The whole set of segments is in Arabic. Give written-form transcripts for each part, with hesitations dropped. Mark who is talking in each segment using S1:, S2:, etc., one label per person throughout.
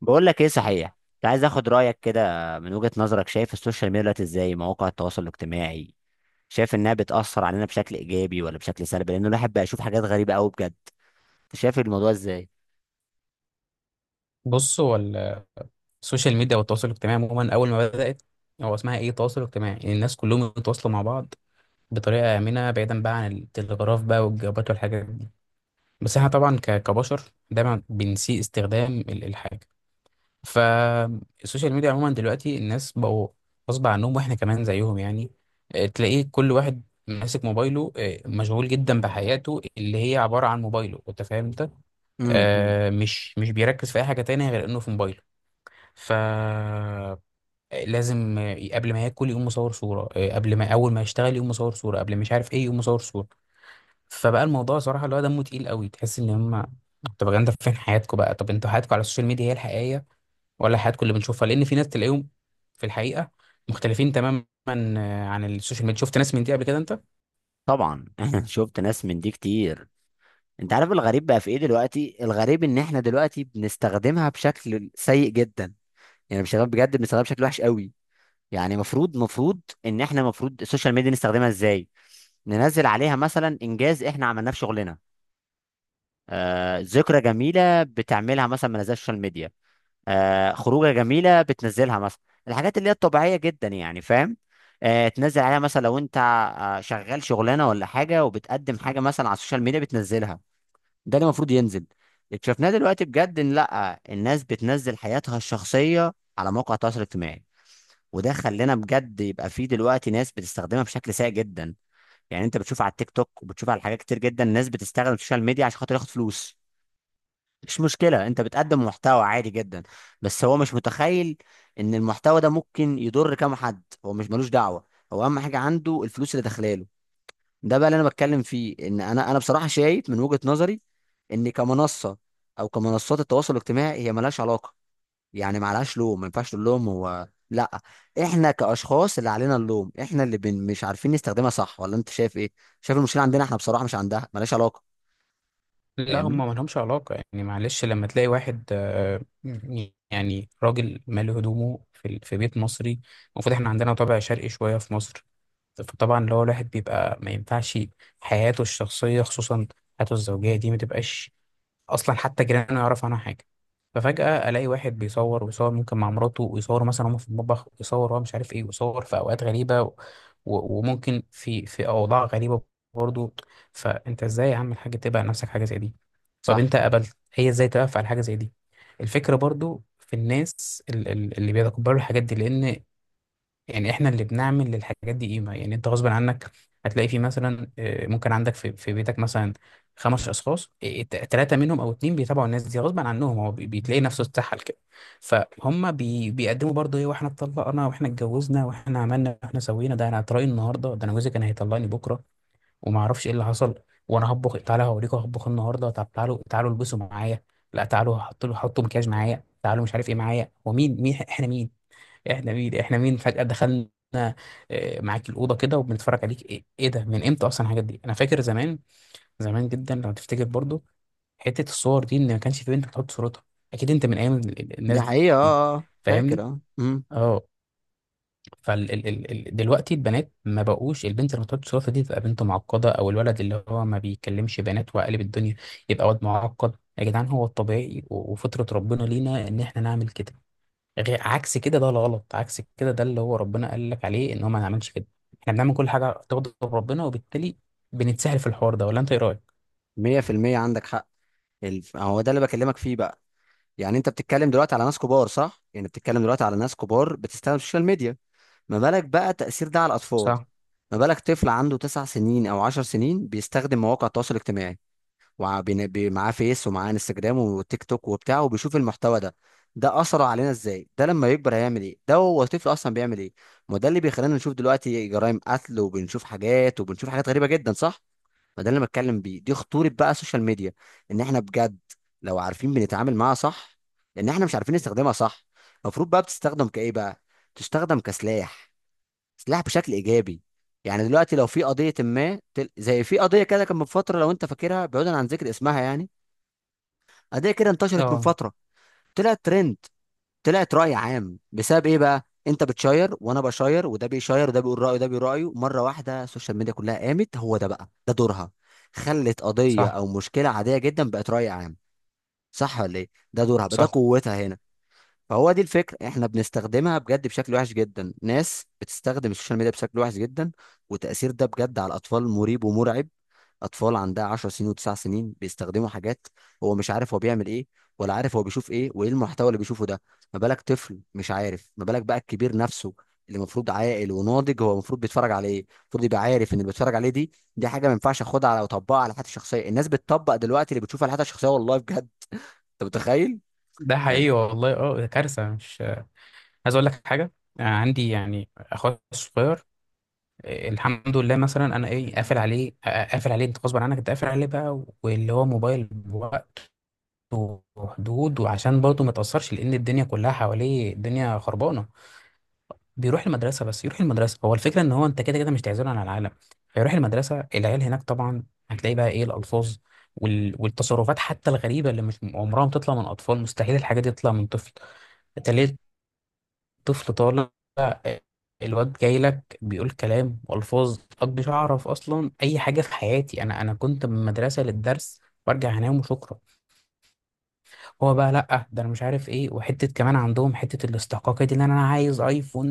S1: بقول لك ايه صحيح. كنت عايز اخد رايك كده، من وجهة نظرك شايف السوشيال ميديا دلوقتي ازاي؟ مواقع التواصل الاجتماعي شايف انها بتأثر علينا بشكل ايجابي ولا بشكل سلبي؟ لان الواحد بقى يشوف حاجات غريبة قوي بجد. انت شايف الموضوع ازاي؟
S2: بص هو السوشيال ميديا والتواصل الاجتماعي عموما اول ما بدات، هو اسمها ايه؟ تواصل اجتماعي، يعني الناس كلهم يتواصلوا مع بعض بطريقه امنه، بعيدا بقى عن التلغراف بقى والجوابات والحاجات دي. بس احنا طبعا كبشر دايما بنسيء استخدام الحاجه. فالسوشيال ميديا عموما دلوقتي الناس بقوا غصب عنهم، واحنا كمان زيهم يعني. تلاقيه كل واحد ماسك موبايله، مشغول جدا بحياته اللي هي عباره عن موبايله، انت فاهم انت.
S1: أمم.
S2: مش بيركز في اي حاجه تانية غير انه في موبايله. ف لازم قبل ما ياكل يقوم مصور صورة، قبل ما أول ما يشتغل يقوم مصور صورة، قبل مش عارف إيه يقوم مصور صورة. فبقى الموضوع صراحة اللي هو دمه تقيل قوي، تحس إن هما، طب يا جدعان، طب فين حياتكم بقى؟ طب انتوا حياتكم على السوشيال ميديا هي الحقيقية ولا حياتكم اللي بنشوفها؟ لأن في ناس تلاقيهم في الحقيقة مختلفين تماما عن السوشيال ميديا. شفت ناس من دي قبل كده أنت؟
S1: طبعا شفت ناس من دي كتير. انت عارف الغريب بقى في ايه دلوقتي؟ الغريب ان احنا دلوقتي بنستخدمها بشكل سيء جدا. يعني مش بجد، بنستخدمها بشكل وحش قوي. يعني مفروض ان احنا مفروض السوشيال ميديا نستخدمها ازاي؟ ننزل عليها مثلا انجاز احنا عملناه في شغلنا، ذكرى جميلة بتعملها مثلا من السوشيال ميديا، خروجة جميلة بتنزلها مثلا. الحاجات اللي هي الطبيعية جدا يعني، فاهم؟ تنزل عليها مثلا لو انت شغال شغلانة ولا حاجة وبتقدم حاجة مثلا على السوشيال ميديا بتنزلها. ده اللي المفروض ينزل. اكتشفناه دلوقتي بجد ان لا، الناس بتنزل حياتها الشخصية على مواقع التواصل الاجتماعي، وده خلانا بجد يبقى فيه دلوقتي ناس بتستخدمها بشكل سيء جدا. يعني انت بتشوف على التيك توك وبتشوف على حاجات كتير جدا، ناس بتستخدم السوشيال ميديا عشان خاطر ياخد فلوس. مش مشكلة، انت بتقدم محتوى عادي جدا، بس هو مش متخيل ان المحتوى ده ممكن يضر كام حد. هو مش ملوش دعوة، هو اهم حاجة عنده الفلوس اللي داخلاله. ده بقى اللي انا بتكلم فيه. ان انا بصراحة شايف من وجهة نظري ان كمنصة او كمنصات التواصل الاجتماعي هي ملهاش علاقة. يعني معلهاش لوم، ما ينفعش تقول لهم هو. لا، احنا كاشخاص اللي علينا اللوم، احنا اللي مش عارفين نستخدمها صح، ولا انت شايف ايه؟ شايف المشكلة عندنا احنا بصراحة، مش عندها، ملهاش علاقة.
S2: لا هم
S1: فاهمني؟
S2: ما لهمش علاقة يعني. معلش، لما تلاقي واحد يعني راجل مالي هدومه في بيت مصري، المفروض احنا عندنا طابع شرقي شوية في مصر. فطبعا اللي هو الواحد بيبقى ما ينفعش حياته الشخصية، خصوصا حياته الزوجية دي، ما تبقاش أصلا حتى جيرانه يعرف عنها حاجة. ففجأة ألاقي واحد بيصور ويصور ممكن مع مراته، ويصور مثلا هما في المطبخ، ويصور هو مش عارف إيه، ويصور في أوقات غريبة وممكن في أوضاع غريبة برضه. فأنت إزاي يا عم الحاج تبقى نفسك حاجة زي دي؟ طب
S1: صح.
S2: أنت قبلت؟ هي إزاي توقف على حاجة زي دي؟ الفكرة برضو في الناس اللي بيتقبلوا الحاجات دي، لأن يعني احنا اللي بنعمل للحاجات دي قيمة. يعني انت غصب عنك هتلاقي في مثلا، ممكن عندك في بيتك مثلا خمس اشخاص، ثلاثة منهم او اتنين بيتابعوا الناس دي، غصب عنهم هو بتلاقي نفسه اتسحل كده. فهم بيقدموا برضه ايه، واحنا اتطلقنا، واحنا اتجوزنا، واحنا عملنا، واحنا سوينا، ده انا هتراي النهارده، ده انا جوزي كان هيطلقني بكره وما اعرفش ايه اللي حصل، وانا هطبخ تعالى هوريكم هطبخ النهارده، طب تعالوا تعالوا البسوا معايا، لا تعالوا حطوا له حطوا مكياج معايا، تعالوا مش عارف ايه معايا. هو مين؟ مين احنا؟ مين احنا؟ مين احنا؟ مين فجأة دخلنا معاك الأوضة كده وبنتفرج عليك؟ ايه ايه ده؟ من امتى اصلا الحاجات دي؟ انا فاكر زمان، زمان جدا لو تفتكر برضو حتة الصور دي، ان ما كانش في بنت بتحط صورتها. اكيد انت من ايام
S1: ده
S2: الناس
S1: حقيقة،
S2: دي،
S1: فاكر،
S2: فاهمني؟ اه. فال ال ال ال دلوقتي البنات ما بقوش، البنت اللي بتحط صورتها دي تبقى بنت معقدة، او الولد اللي هو ما بيكلمش بنات وقالب الدنيا يبقى واد معقد. يا جدعان هو الطبيعي وفطرة ربنا لينا ان احنا نعمل كده، غير عكس كده ده غلط. عكس كده ده اللي هو ربنا قال لك عليه ان هو ما نعملش كده. احنا بنعمل كل حاجه تغضب ربنا، وبالتالي بنتسهل في الحوار ده، ولا انت ايه رايك؟
S1: مية في المية عندك حق. هو ده اللي بكلمك فيه بقى. يعني انت بتتكلم دلوقتي على ناس كبار، صح؟ يعني بتتكلم دلوقتي على ناس كبار بتستخدم السوشيال ميديا، ما بالك بقى التأثير ده على الأطفال؟
S2: صح.
S1: ما بالك طفل عنده 9 سنين أو 10 سنين بيستخدم مواقع التواصل الاجتماعي، معاه فيس ومعاه انستجرام وتيك توك وبتاع وبيشوف المحتوى ده؟ ده أثره علينا ازاي؟ ده لما يكبر هيعمل ايه؟ ده هو طفل أصلا بيعمل ايه؟ ما ده اللي بيخلينا نشوف دلوقتي جرائم قتل، وبنشوف حاجات، وبنشوف حاجات غريبة جدا، صح؟ فده اللي أنا بتكلم بيه، دي خطورة بقى السوشيال ميديا. ان احنا بجد لو عارفين بنتعامل معاها صح، لان احنا مش عارفين نستخدمها صح. المفروض بقى بتستخدم كايه بقى؟ تستخدم كسلاح، سلاح بشكل ايجابي. يعني دلوقتي لو في قضية ما تل- زي في قضية كده كان من فترة، لو انت فاكرها بعيدا عن ذكر اسمها يعني، قضية كده انتشرت من
S2: اه.
S1: فترة، طلعت ترند، طلعت رأي عام، بسبب ايه بقى؟ انت بتشير وانا بشير وده بيشير وده بيقول رأيه وده بيقول رأيه، مرة واحدة السوشيال ميديا كلها قامت. هو ده بقى ده دورها، خلت قضية
S2: صح.
S1: او مشكلة عادية جدا بقت رأي عام. صح ولا ايه؟ ده دورها بقى، ده
S2: صح.
S1: قوتها هنا. فهو دي الفكرة، احنا بنستخدمها بجد بشكل وحش جدا، ناس بتستخدم السوشيال ميديا بشكل وحش جدا. وتأثير ده بجد على الأطفال مريب ومرعب. اطفال عندها 10 سنين و9 سنين بيستخدموا حاجات، هو مش عارف هو بيعمل ايه، ولا عارف هو بيشوف ايه، وايه المحتوى اللي بيشوفه ده. ما بالك طفل مش عارف، ما بالك بقى الكبير نفسه اللي المفروض عاقل وناضج؟ هو المفروض بيتفرج على ايه؟ المفروض يبقى عارف ان اللي بيتفرج عليه دي حاجه ما ينفعش اخدها على، اطبقها على حياتي الشخصيه. الناس بتطبق دلوقتي اللي بتشوفها على حياتها الشخصيه، والله بجد. انت متخيل؟
S2: ده
S1: يعني
S2: حقيقي والله، اه، ده كارثه مش عايز اقول لك حاجه. عندي يعني اخويا الصغير، الحمد لله، مثلا انا ايه، قافل عليه، قافل عليه انت غصب عنك، انت قافل عليه بقى، واللي هو موبايل بوقت وحدود، وعشان برضه ما يتاثرش لان الدنيا كلها حواليه الدنيا خربانه. بيروح المدرسة بس، يروح المدرسة، هو الفكرة ان هو انت كده كده مش تعزله عن العالم. فيروح المدرسة، العيال هناك طبعا هتلاقي بقى ايه الألفاظ، والتصرفات حتى الغريبة اللي مش عمرها ما تطلع من أطفال، مستحيل الحاجة دي تطلع من طفل. تلاقي الطفل طالع، آه، الواد جاي لك بيقول كلام وألفاظ أنا مش أعرف أصلا أي حاجة في حياتي. أنا كنت من المدرسة للدرس وأرجع أنام وشكرا. هو بقى لأ، ده أنا مش عارف إيه، وحتة كمان عندهم حتة الاستحقاقية دي، إن أنا عايز أيفون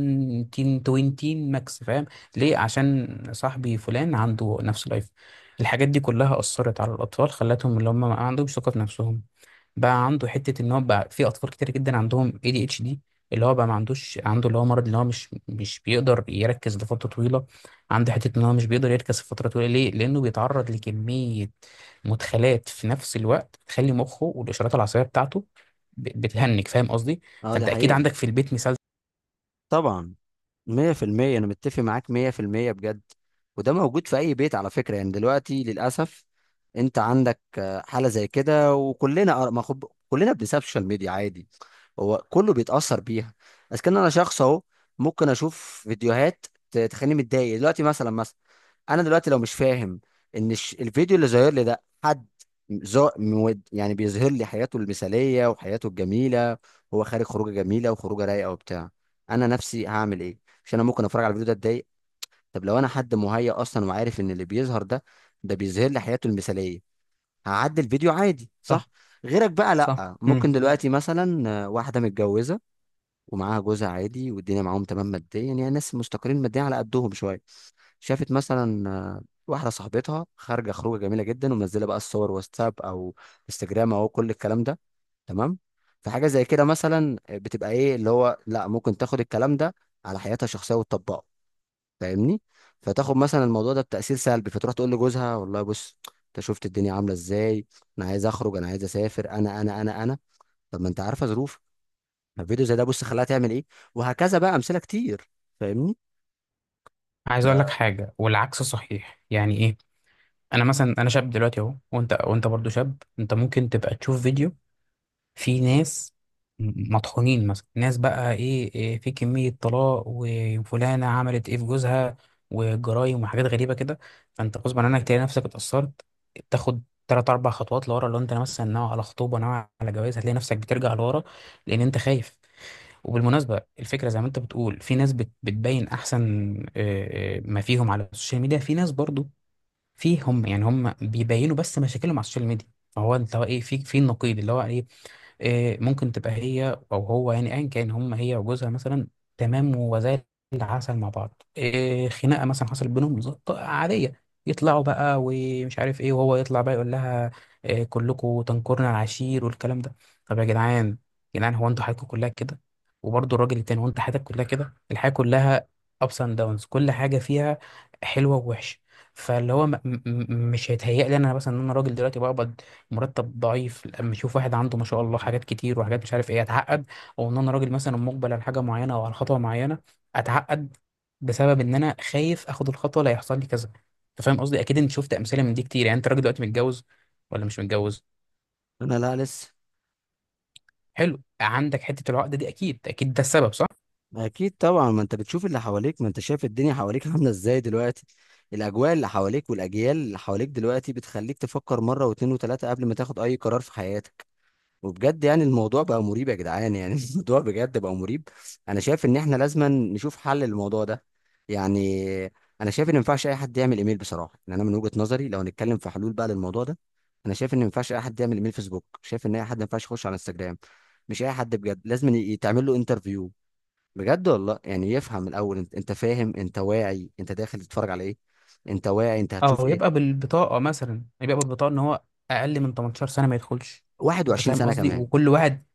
S2: 1020 ماكس، فاهم؟ ليه؟ عشان صاحبي فلان عنده نفس الأيفون. الحاجات دي كلها أثرت على الأطفال، خلتهم اللي هم ما عندهمش ثقة في نفسهم. بقى عنده حته ان هو بقى في اطفال كتير جدا عندهم اي دي اتش دي، اللي هو بقى ما عندوش، عنده اللي هو مرض اللي هو مش بيقدر يركز لفتره طويله. عنده حته ان هو مش بيقدر يركز لفتره طويله. ليه؟ لانه بيتعرض لكميه مدخلات في نفس الوقت تخلي مخه والاشارات العصبيه بتاعته بتهنج، فاهم قصدي؟
S1: اه، دي
S2: فانت اكيد
S1: حقيقه.
S2: عندك في البيت مثال.
S1: طبعا، مية في المية أنا متفق معاك، مية في المية بجد. وده موجود في أي بيت على فكرة، يعني دلوقتي للأسف. أنت عندك حالة زي كده، وكلنا آه، ما خب... كلنا بنساب السوشيال ميديا عادي. هو كله بيتأثر بيها. بس كان انا شخص اهو، ممكن اشوف فيديوهات تخليني متضايق دلوقتي مثلا انا دلوقتي لو مش فاهم ان الفيديو اللي ظاهر لي ده حد زو مود، يعني بيظهر لي حياته المثالية وحياته الجميلة، هو خارج خروجة جميلة وخروجة رايقة وبتاع، انا نفسي هعمل ايه؟ عشان انا ممكن اتفرج على الفيديو ده اتضايق. طب لو انا حد مهيأ اصلا وعارف ان اللي بيظهر ده، ده بيظهر لي حياته المثالية، هعدي الفيديو عادي،
S2: صح.
S1: صح؟ غيرك بقى
S2: صح.
S1: لا.
S2: امم.
S1: ممكن دلوقتي مثلا واحدة متجوزة ومعاها جوزها عادي والدنيا معاهم تمام ماديا، يعني ناس مستقرين ماديا على قدهم شويه، شافت مثلا واحده صاحبتها خارجه خروجه جميله جدا، ومنزله بقى الصور واتساب او انستجرام او كل الكلام ده، تمام؟ فحاجه زي كده مثلا بتبقى ايه اللي هو، لا ممكن تاخد الكلام ده على حياتها الشخصيه وتطبقه، فاهمني؟ فتاخد مثلا الموضوع ده بتاثير سلبي، فتروح تقول لجوزها والله بص، انت شفت الدنيا عامله ازاي؟ انا عايز اخرج، انا عايز اسافر، انا انا انا انا، طب ما انت عارفه ظروفي. فيديو زي ده بص خلاها تعمل ايه، وهكذا بقى امثله كتير، فاهمني؟
S2: عايز اقول لك حاجه والعكس صحيح، يعني ايه؟ انا مثلا، انا شاب دلوقتي اهو، وانت وانت برضو شاب، انت ممكن تبقى تشوف فيديو في ناس مطحونين مثلا، ناس بقى ايه, إيه، في كمية طلاق، وفلانة عملت ايه في جوزها، وجرايم وحاجات غريبة كده، فانت غصب عنك تلاقي نفسك اتأثرت. تاخد تلات أربع خطوات لورا. لو انت مثلا ناوي على خطوبة، ناوي على جواز، هتلاقي نفسك بترجع لورا لأن انت خايف. وبالمناسبة الفكرة زي ما انت بتقول، في ناس بتبين احسن ما فيهم على السوشيال ميديا. في ناس برضو فيهم يعني هم بيبينوا بس مشاكلهم على السوشيال ميديا. فهو انت هو ايه في النقيض اللي هو ايه، ممكن تبقى هي او هو، يعني ايا كان، هم هي وجوزها مثلا تمام وزي العسل مع بعض، خناقه مثلا حصلت بينهم عاديه، يطلعوا بقى ومش عارف ايه، وهو يطلع بقى يقول لها، كلكم تنكرنا العشير والكلام ده. طب يا جدعان، يا جدعان هو انتوا حياتكم كلها كده؟ وبرضه الراجل التاني هو انت حياتك كلها كده؟ الحياه كلها ups and downs، كل حاجه فيها حلوه ووحشه. فاللي هو مش هيتهيأ لي انا مثلا ان انا راجل دلوقتي بقبض مرتب ضعيف، لما اشوف واحد عنده ما شاء الله حاجات كتير وحاجات مش عارف ايه، اتعقد. او ان انا راجل مثلا مقبل على حاجه معينه او على خطوه معينه، اتعقد بسبب ان انا خايف اخد الخطوه لا يحصل لي كذا. انت فاهم قصدي؟ اكيد انت شفت امثله من دي كتير. يعني انت راجل دلوقتي متجوز ولا مش متجوز؟
S1: انا لا، لسه.
S2: حلو، عندك حته العقده دي اكيد، اكيد ده السبب، صح؟
S1: اكيد طبعا، ما انت بتشوف اللي حواليك، ما انت شايف الدنيا حواليك عامله ازاي دلوقتي. الاجواء اللي حواليك والاجيال اللي حواليك دلوقتي بتخليك تفكر مره واثنين وثلاثه قبل ما تاخد اي قرار في حياتك. وبجد يعني الموضوع بقى مريب يا جدعان، يعني الموضوع بجد بقى مريب. انا شايف ان احنا لازم نشوف حل للموضوع ده. يعني انا شايف ان ما ينفعش اي حد يعمل ايميل بصراحه. يعني انا من وجهه نظري لو هنتكلم في حلول بقى للموضوع ده، انا شايف ان ما ينفعش اي حد يعمل ايميل فيسبوك، شايف ان اي حد ما ينفعش يخش على انستجرام. مش اي حد، بجد لازم يتعمل له انترفيو، بجد والله، يعني يفهم الاول. انت انت فاهم؟ انت واعي انت داخل تتفرج على ايه؟ انت واعي انت هتشوف
S2: او
S1: ايه؟
S2: يبقى بالبطاقه مثلا، يبقى بالبطاقه ان هو اقل من 18 سنه ما يدخلش. انت فاهم
S1: 21 سنه
S2: قصدي؟
S1: كمان.
S2: وكل واحد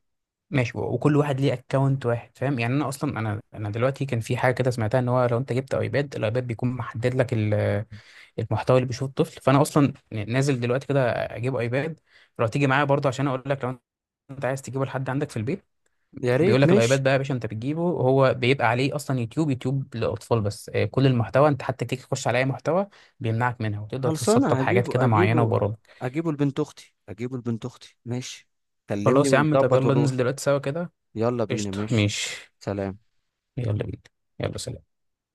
S2: ماشي، وكل واحد ليه اكونت واحد، فاهم يعني؟ انا اصلا انا دلوقتي كان في حاجه كده سمعتها، ان هو لو انت جبت ايباد الايباد بيكون محدد لك المحتوى اللي بيشوفه الطفل. فانا اصلا نازل دلوقتي كده اجيب ايباد. لو تيجي معايا برضه عشان اقول لك، لو انت عايز تجيبه لحد عندك في البيت،
S1: يا
S2: بيقول
S1: ريت،
S2: لك الايباد
S1: ماشي.
S2: بقى يا باشا انت بتجيبه، هو بيبقى عليه اصلا يوتيوب، يوتيوب للاطفال بس، كل المحتوى انت حتى تيجي تخش على اي محتوى بيمنعك منها، وتقدر
S1: خلصانة،
S2: تتسطب حاجات
S1: هجيبه
S2: كده معينه
S1: هجيبه.
S2: وبرامج.
S1: هجيبه لبنت أختي، هجيبه لبنت أختي، ماشي. كلمني
S2: خلاص يا عم، طب
S1: ونظبط
S2: يلا ننزل
S1: ونروح.
S2: دلوقتي سوا كده.
S1: يلا بينا،
S2: قشطه
S1: ماشي.
S2: ماشي.
S1: سلام.
S2: يلا بينا. يلا سلام.